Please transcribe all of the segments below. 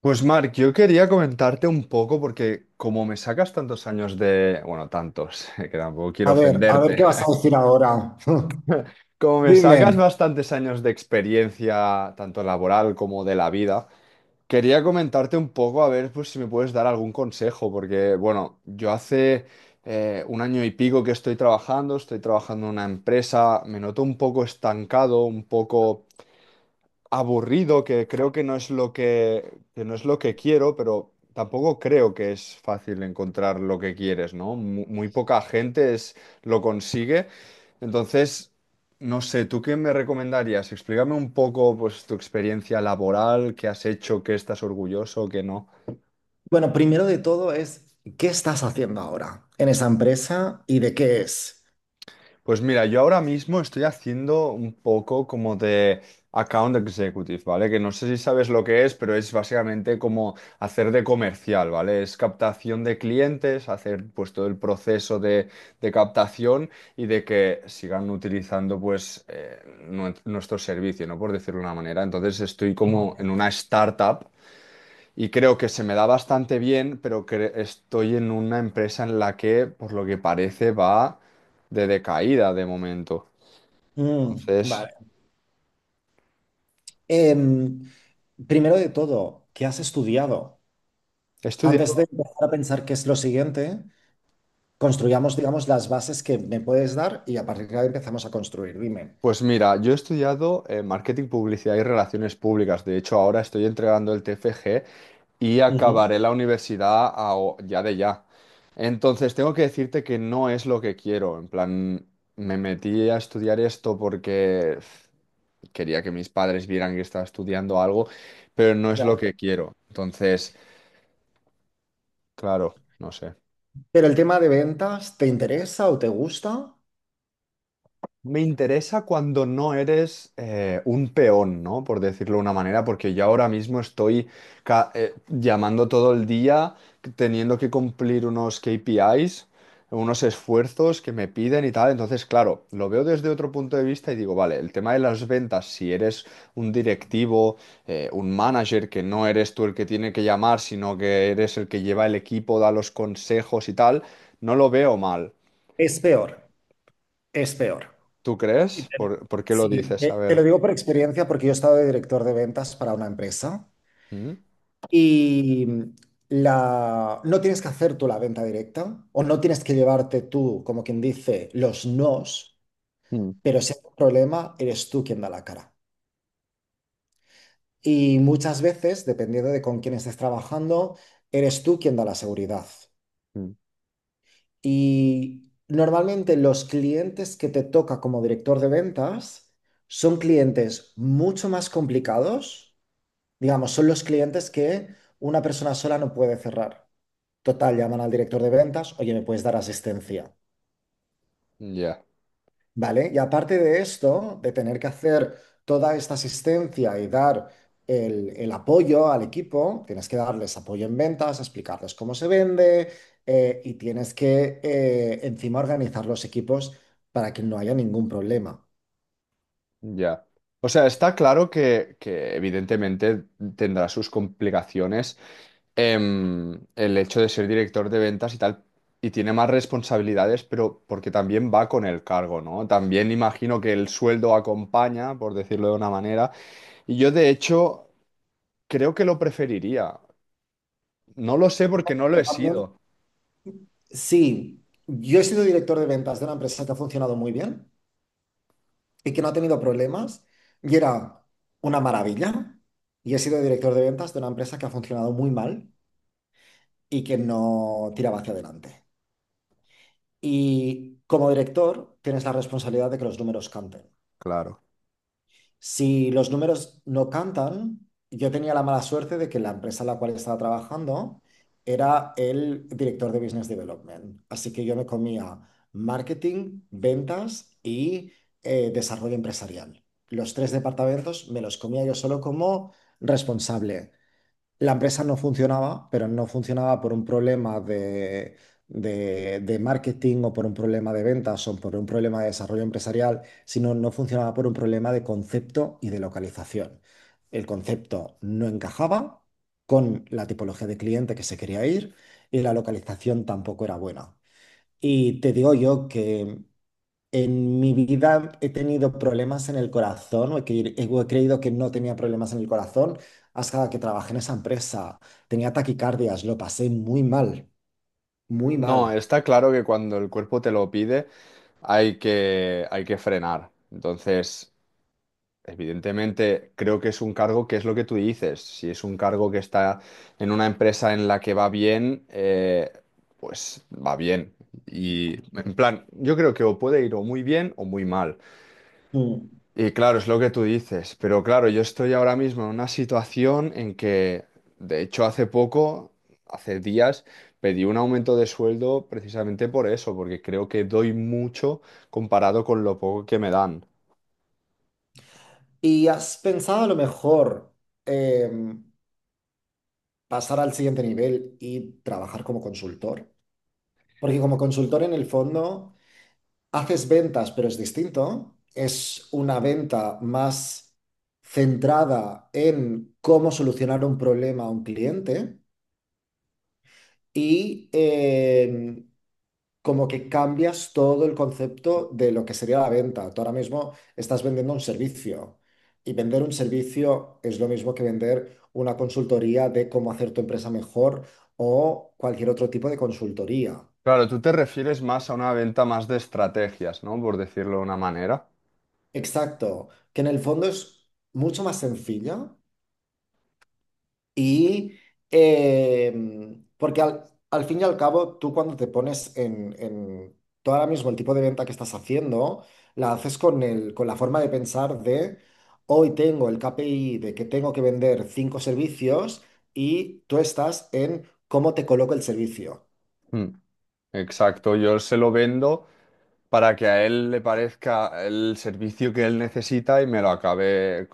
Pues Marc, yo quería comentarte un poco porque como me sacas tantos años de, bueno, tantos, que tampoco quiero A ver qué ofenderte, vas a decir ahora. como me sacas Dime. bastantes años de experiencia, tanto laboral como de la vida, quería comentarte un poco a ver pues, si me puedes dar algún consejo, porque bueno, yo hace un año y pico que estoy trabajando en una empresa, me noto un poco estancado, un poco aburrido, que creo que no es lo que no es lo que quiero, pero tampoco creo que es fácil encontrar lo que quieres, ¿no? Muy, poca gente es, lo consigue. Entonces, no sé, ¿tú qué me recomendarías? Explícame un poco, pues, tu experiencia laboral, qué has hecho, qué estás orgulloso, qué no. Bueno, primero de todo es, ¿qué estás haciendo ahora en esa empresa y de qué es? Pues mira, yo ahora mismo estoy haciendo un poco como de account executive, ¿vale? Que no sé si sabes lo que es, pero es básicamente como hacer de comercial, ¿vale? Es captación de clientes, hacer pues todo el proceso de captación y de que sigan utilizando pues nuestro servicio, ¿no? Por decirlo de una manera. Entonces estoy como en una startup. Y creo que se me da bastante bien, pero que estoy en una empresa en la que, por lo que parece, va de decaída de momento. Mm, Entonces, vale. Em, Primero de todo, ¿qué has estudiado? he Antes de estudiado. empezar a pensar qué es lo siguiente, construyamos, digamos, las bases que me puedes dar y a partir de ahí empezamos a construir. Dime. Pues mira, yo he estudiado marketing, publicidad y relaciones públicas. De hecho, ahora estoy entregando el TFG y Ujú. acabaré la universidad ya de ya. Entonces, tengo que decirte que no es lo que quiero. En plan, me metí a estudiar esto porque pf, quería que mis padres vieran que estaba estudiando algo, pero no es lo Ya. que quiero. Entonces, claro, no sé. Pero el tema de ventas, ¿te interesa o te gusta? Me interesa cuando no eres un peón, ¿no? Por decirlo de una manera, porque yo ahora mismo estoy llamando todo el día, teniendo que cumplir unos KPIs, unos esfuerzos que me piden y tal. Entonces, claro, lo veo desde otro punto de vista y digo, vale, el tema de las ventas, si eres un directivo, un manager, que no eres tú el que tiene que llamar, sino que eres el que lleva el equipo, da los consejos y tal, no lo veo mal. Es peor, es peor. ¿Tú Y crees? te- ¿Por qué lo sí, dices? A te ver. lo digo por experiencia porque yo he estado de director de ventas para una empresa Mm, y no tienes que hacer tú la venta directa o no tienes que llevarte tú, como quien dice, los nos, mm, pero si hay un problema, eres tú quien da la cara. Y muchas veces, dependiendo de con quién estés trabajando, eres tú quien da la seguridad. mm. Y normalmente los clientes que te toca como director de ventas son clientes mucho más complicados. Digamos, son los clientes que una persona sola no puede cerrar. Total, llaman al director de ventas, oye, ¿me puedes dar asistencia? Ya, ¿Vale? Y aparte de esto, de tener que hacer toda esta asistencia y dar el apoyo al equipo, tienes que darles apoyo en ventas, explicarles cómo se vende, y tienes que, encima, organizar los equipos para que no haya ningún problema. ya. O sea, está claro que evidentemente tendrá sus complicaciones, el hecho de ser director de ventas y tal, y tiene más responsabilidades, pero porque también va con el cargo, ¿no? También imagino que el sueldo acompaña, por decirlo de una manera, y yo de hecho creo que lo preferiría. No lo sé porque no lo he También, sido. sí, yo he sido director de ventas de una empresa que ha funcionado muy bien y que no ha tenido problemas, y era una maravilla. Y he sido director de ventas de una empresa que ha funcionado muy mal y que no tiraba hacia adelante. Y como director tienes la responsabilidad de que los números canten. Claro. Si los números no cantan, yo tenía la mala suerte de que la empresa en la cual estaba trabajando era el director de Business Development. Así que yo me comía marketing, ventas y, desarrollo empresarial. Los tres departamentos me los comía yo solo como responsable. La empresa no funcionaba, pero no funcionaba por un problema de marketing, o por un problema de ventas, o por un problema de desarrollo empresarial, sino no funcionaba por un problema de concepto y de localización. El concepto no encajaba con la tipología de cliente que se quería ir, y la localización tampoco era buena. Y te digo yo que en mi vida he tenido problemas en el corazón, o he creído que no tenía problemas en el corazón, hasta que trabajé en esa empresa. Tenía taquicardias, lo pasé muy mal, muy No, mal. está claro que cuando el cuerpo te lo pide hay que frenar. Entonces, evidentemente, creo que es un cargo que es lo que tú dices. Si es un cargo que está en una empresa en la que va bien, pues va bien. Y en plan, yo creo que o puede ir o muy bien o muy mal. Mm. Y claro, es lo que tú dices, pero claro, yo estoy ahora mismo en una situación en que, de hecho, hace poco, hace días, pedí un aumento de sueldo precisamente por eso, porque creo que doy mucho comparado con lo poco que me dan. ¿Y has pensado, a lo mejor, em, pasar al siguiente nivel y trabajar como consultor? Porque como consultor, en el fondo, haces ventas, pero es distinto. Es una venta más centrada en cómo solucionar un problema a un cliente y, como que cambias todo el concepto de lo que sería la venta. Tú ahora mismo estás vendiendo un servicio, y vender un servicio es lo mismo que vender una consultoría de cómo hacer tu empresa mejor, o cualquier otro tipo de consultoría. Claro, tú te refieres más a una venta más de estrategias, ¿no? Por decirlo de una manera. Exacto, que en el fondo es mucho más sencilla. Y, porque al fin y al cabo, tú cuando te pones tú ahora mismo, el tipo de venta que estás haciendo la haces con el, con la forma de pensar de: hoy tengo el KPI de que tengo que vender cinco servicios, y tú estás en cómo te coloco el servicio. Mm. Exacto, yo se lo vendo para que a él le parezca el servicio que él necesita y me lo acabe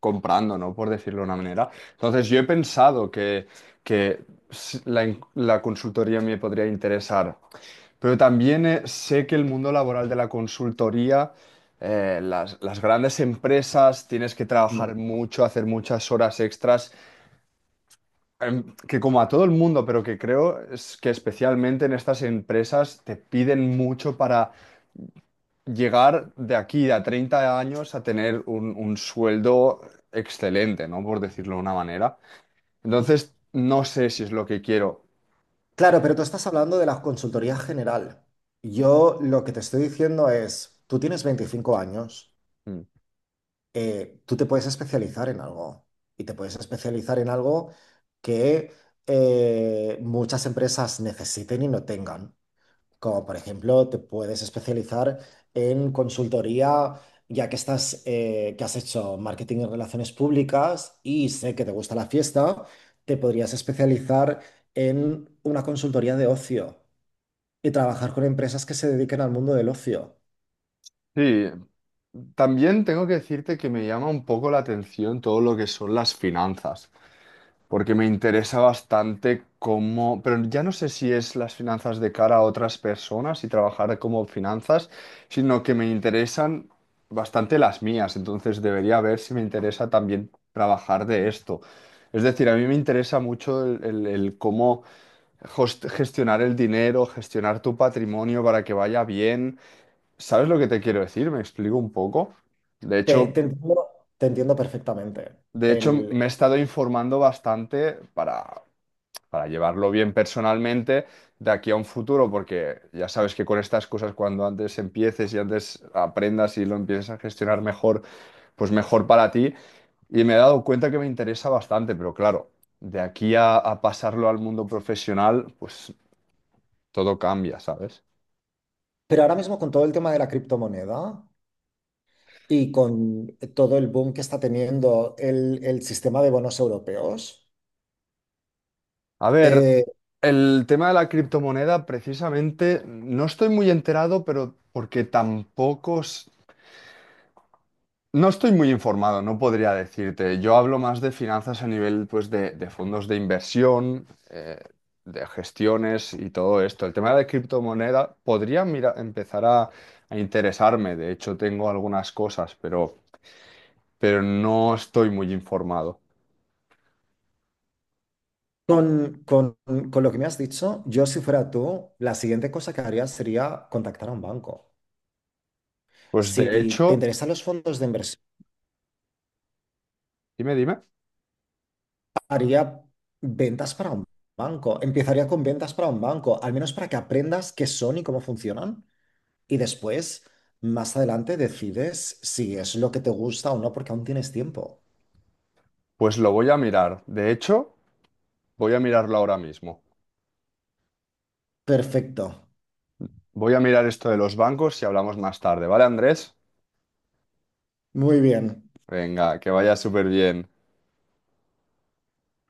comprando, ¿no? Por decirlo de una manera. Entonces, yo he pensado que, que la consultoría me podría interesar, pero también sé que el mundo laboral de la consultoría, las grandes empresas, tienes que trabajar No. mucho, hacer muchas horas extras, que como a todo el mundo, pero que creo es que especialmente en estas empresas te piden mucho para llegar de aquí a 30 años a tener un sueldo excelente, ¿no? Por decirlo de una manera. Entonces, no sé si es lo que quiero. Claro, pero tú estás hablando de la consultoría general. Yo lo que te estoy diciendo es, tú tienes 25 años. Mm. Tú te puedes especializar en algo, y te puedes especializar en algo que, muchas empresas necesiten y no tengan. Como por ejemplo, te puedes especializar en consultoría, ya que que has hecho marketing en relaciones públicas y sé que te gusta la fiesta, te podrías especializar en una consultoría de ocio y trabajar con empresas que se dediquen al mundo del ocio. Sí, también tengo que decirte que me llama un poco la atención todo lo que son las finanzas, porque me interesa bastante cómo, pero ya no sé si es las finanzas de cara a otras personas y trabajar como finanzas, sino que me interesan bastante las mías, entonces debería ver si me interesa también trabajar de esto. Es decir, a mí me interesa mucho el cómo gestionar el dinero, gestionar tu patrimonio para que vaya bien. ¿Sabes lo que te quiero decir? Me explico un poco. De Te, hecho, te entiendo perfectamente. de hecho me he estado informando bastante para llevarlo bien personalmente de aquí a un futuro, porque ya sabes que con estas cosas, cuando antes empieces y antes aprendas y lo empieces a gestionar mejor, pues mejor para ti. Y me he dado cuenta que me interesa bastante, pero claro, de aquí a pasarlo al mundo profesional, pues todo cambia, ¿sabes? Pero ahora mismo, con todo el tema de la criptomoneda y con todo el boom que está teniendo el sistema de bonos europeos, A ver, eh, el tema de la criptomoneda, precisamente, no estoy muy enterado, pero porque tampoco... no estoy muy informado, no podría decirte. Yo hablo más de finanzas a nivel, pues, de fondos de inversión, eh, de gestiones y todo esto. El tema de criptomoneda podría mira, empezar a interesarme. De hecho, tengo algunas cosas, pero no estoy muy informado. con, con- con lo que me has dicho, yo, si fuera tú, la siguiente cosa que haría sería contactar a un banco. Pues de Si te hecho, interesan los fondos de inversión, dime, dime. haría ventas para un banco. Empezaría con ventas para un banco, al menos para que aprendas qué son y cómo funcionan. Y después, más adelante, decides si es lo que te gusta o no, porque aún tienes tiempo. Pues lo voy a mirar. De hecho, voy a mirarlo ahora mismo. Perfecto. Voy a mirar esto de los bancos y hablamos más tarde, ¿vale, Andrés? Muy bien. Venga, que vaya súper bien.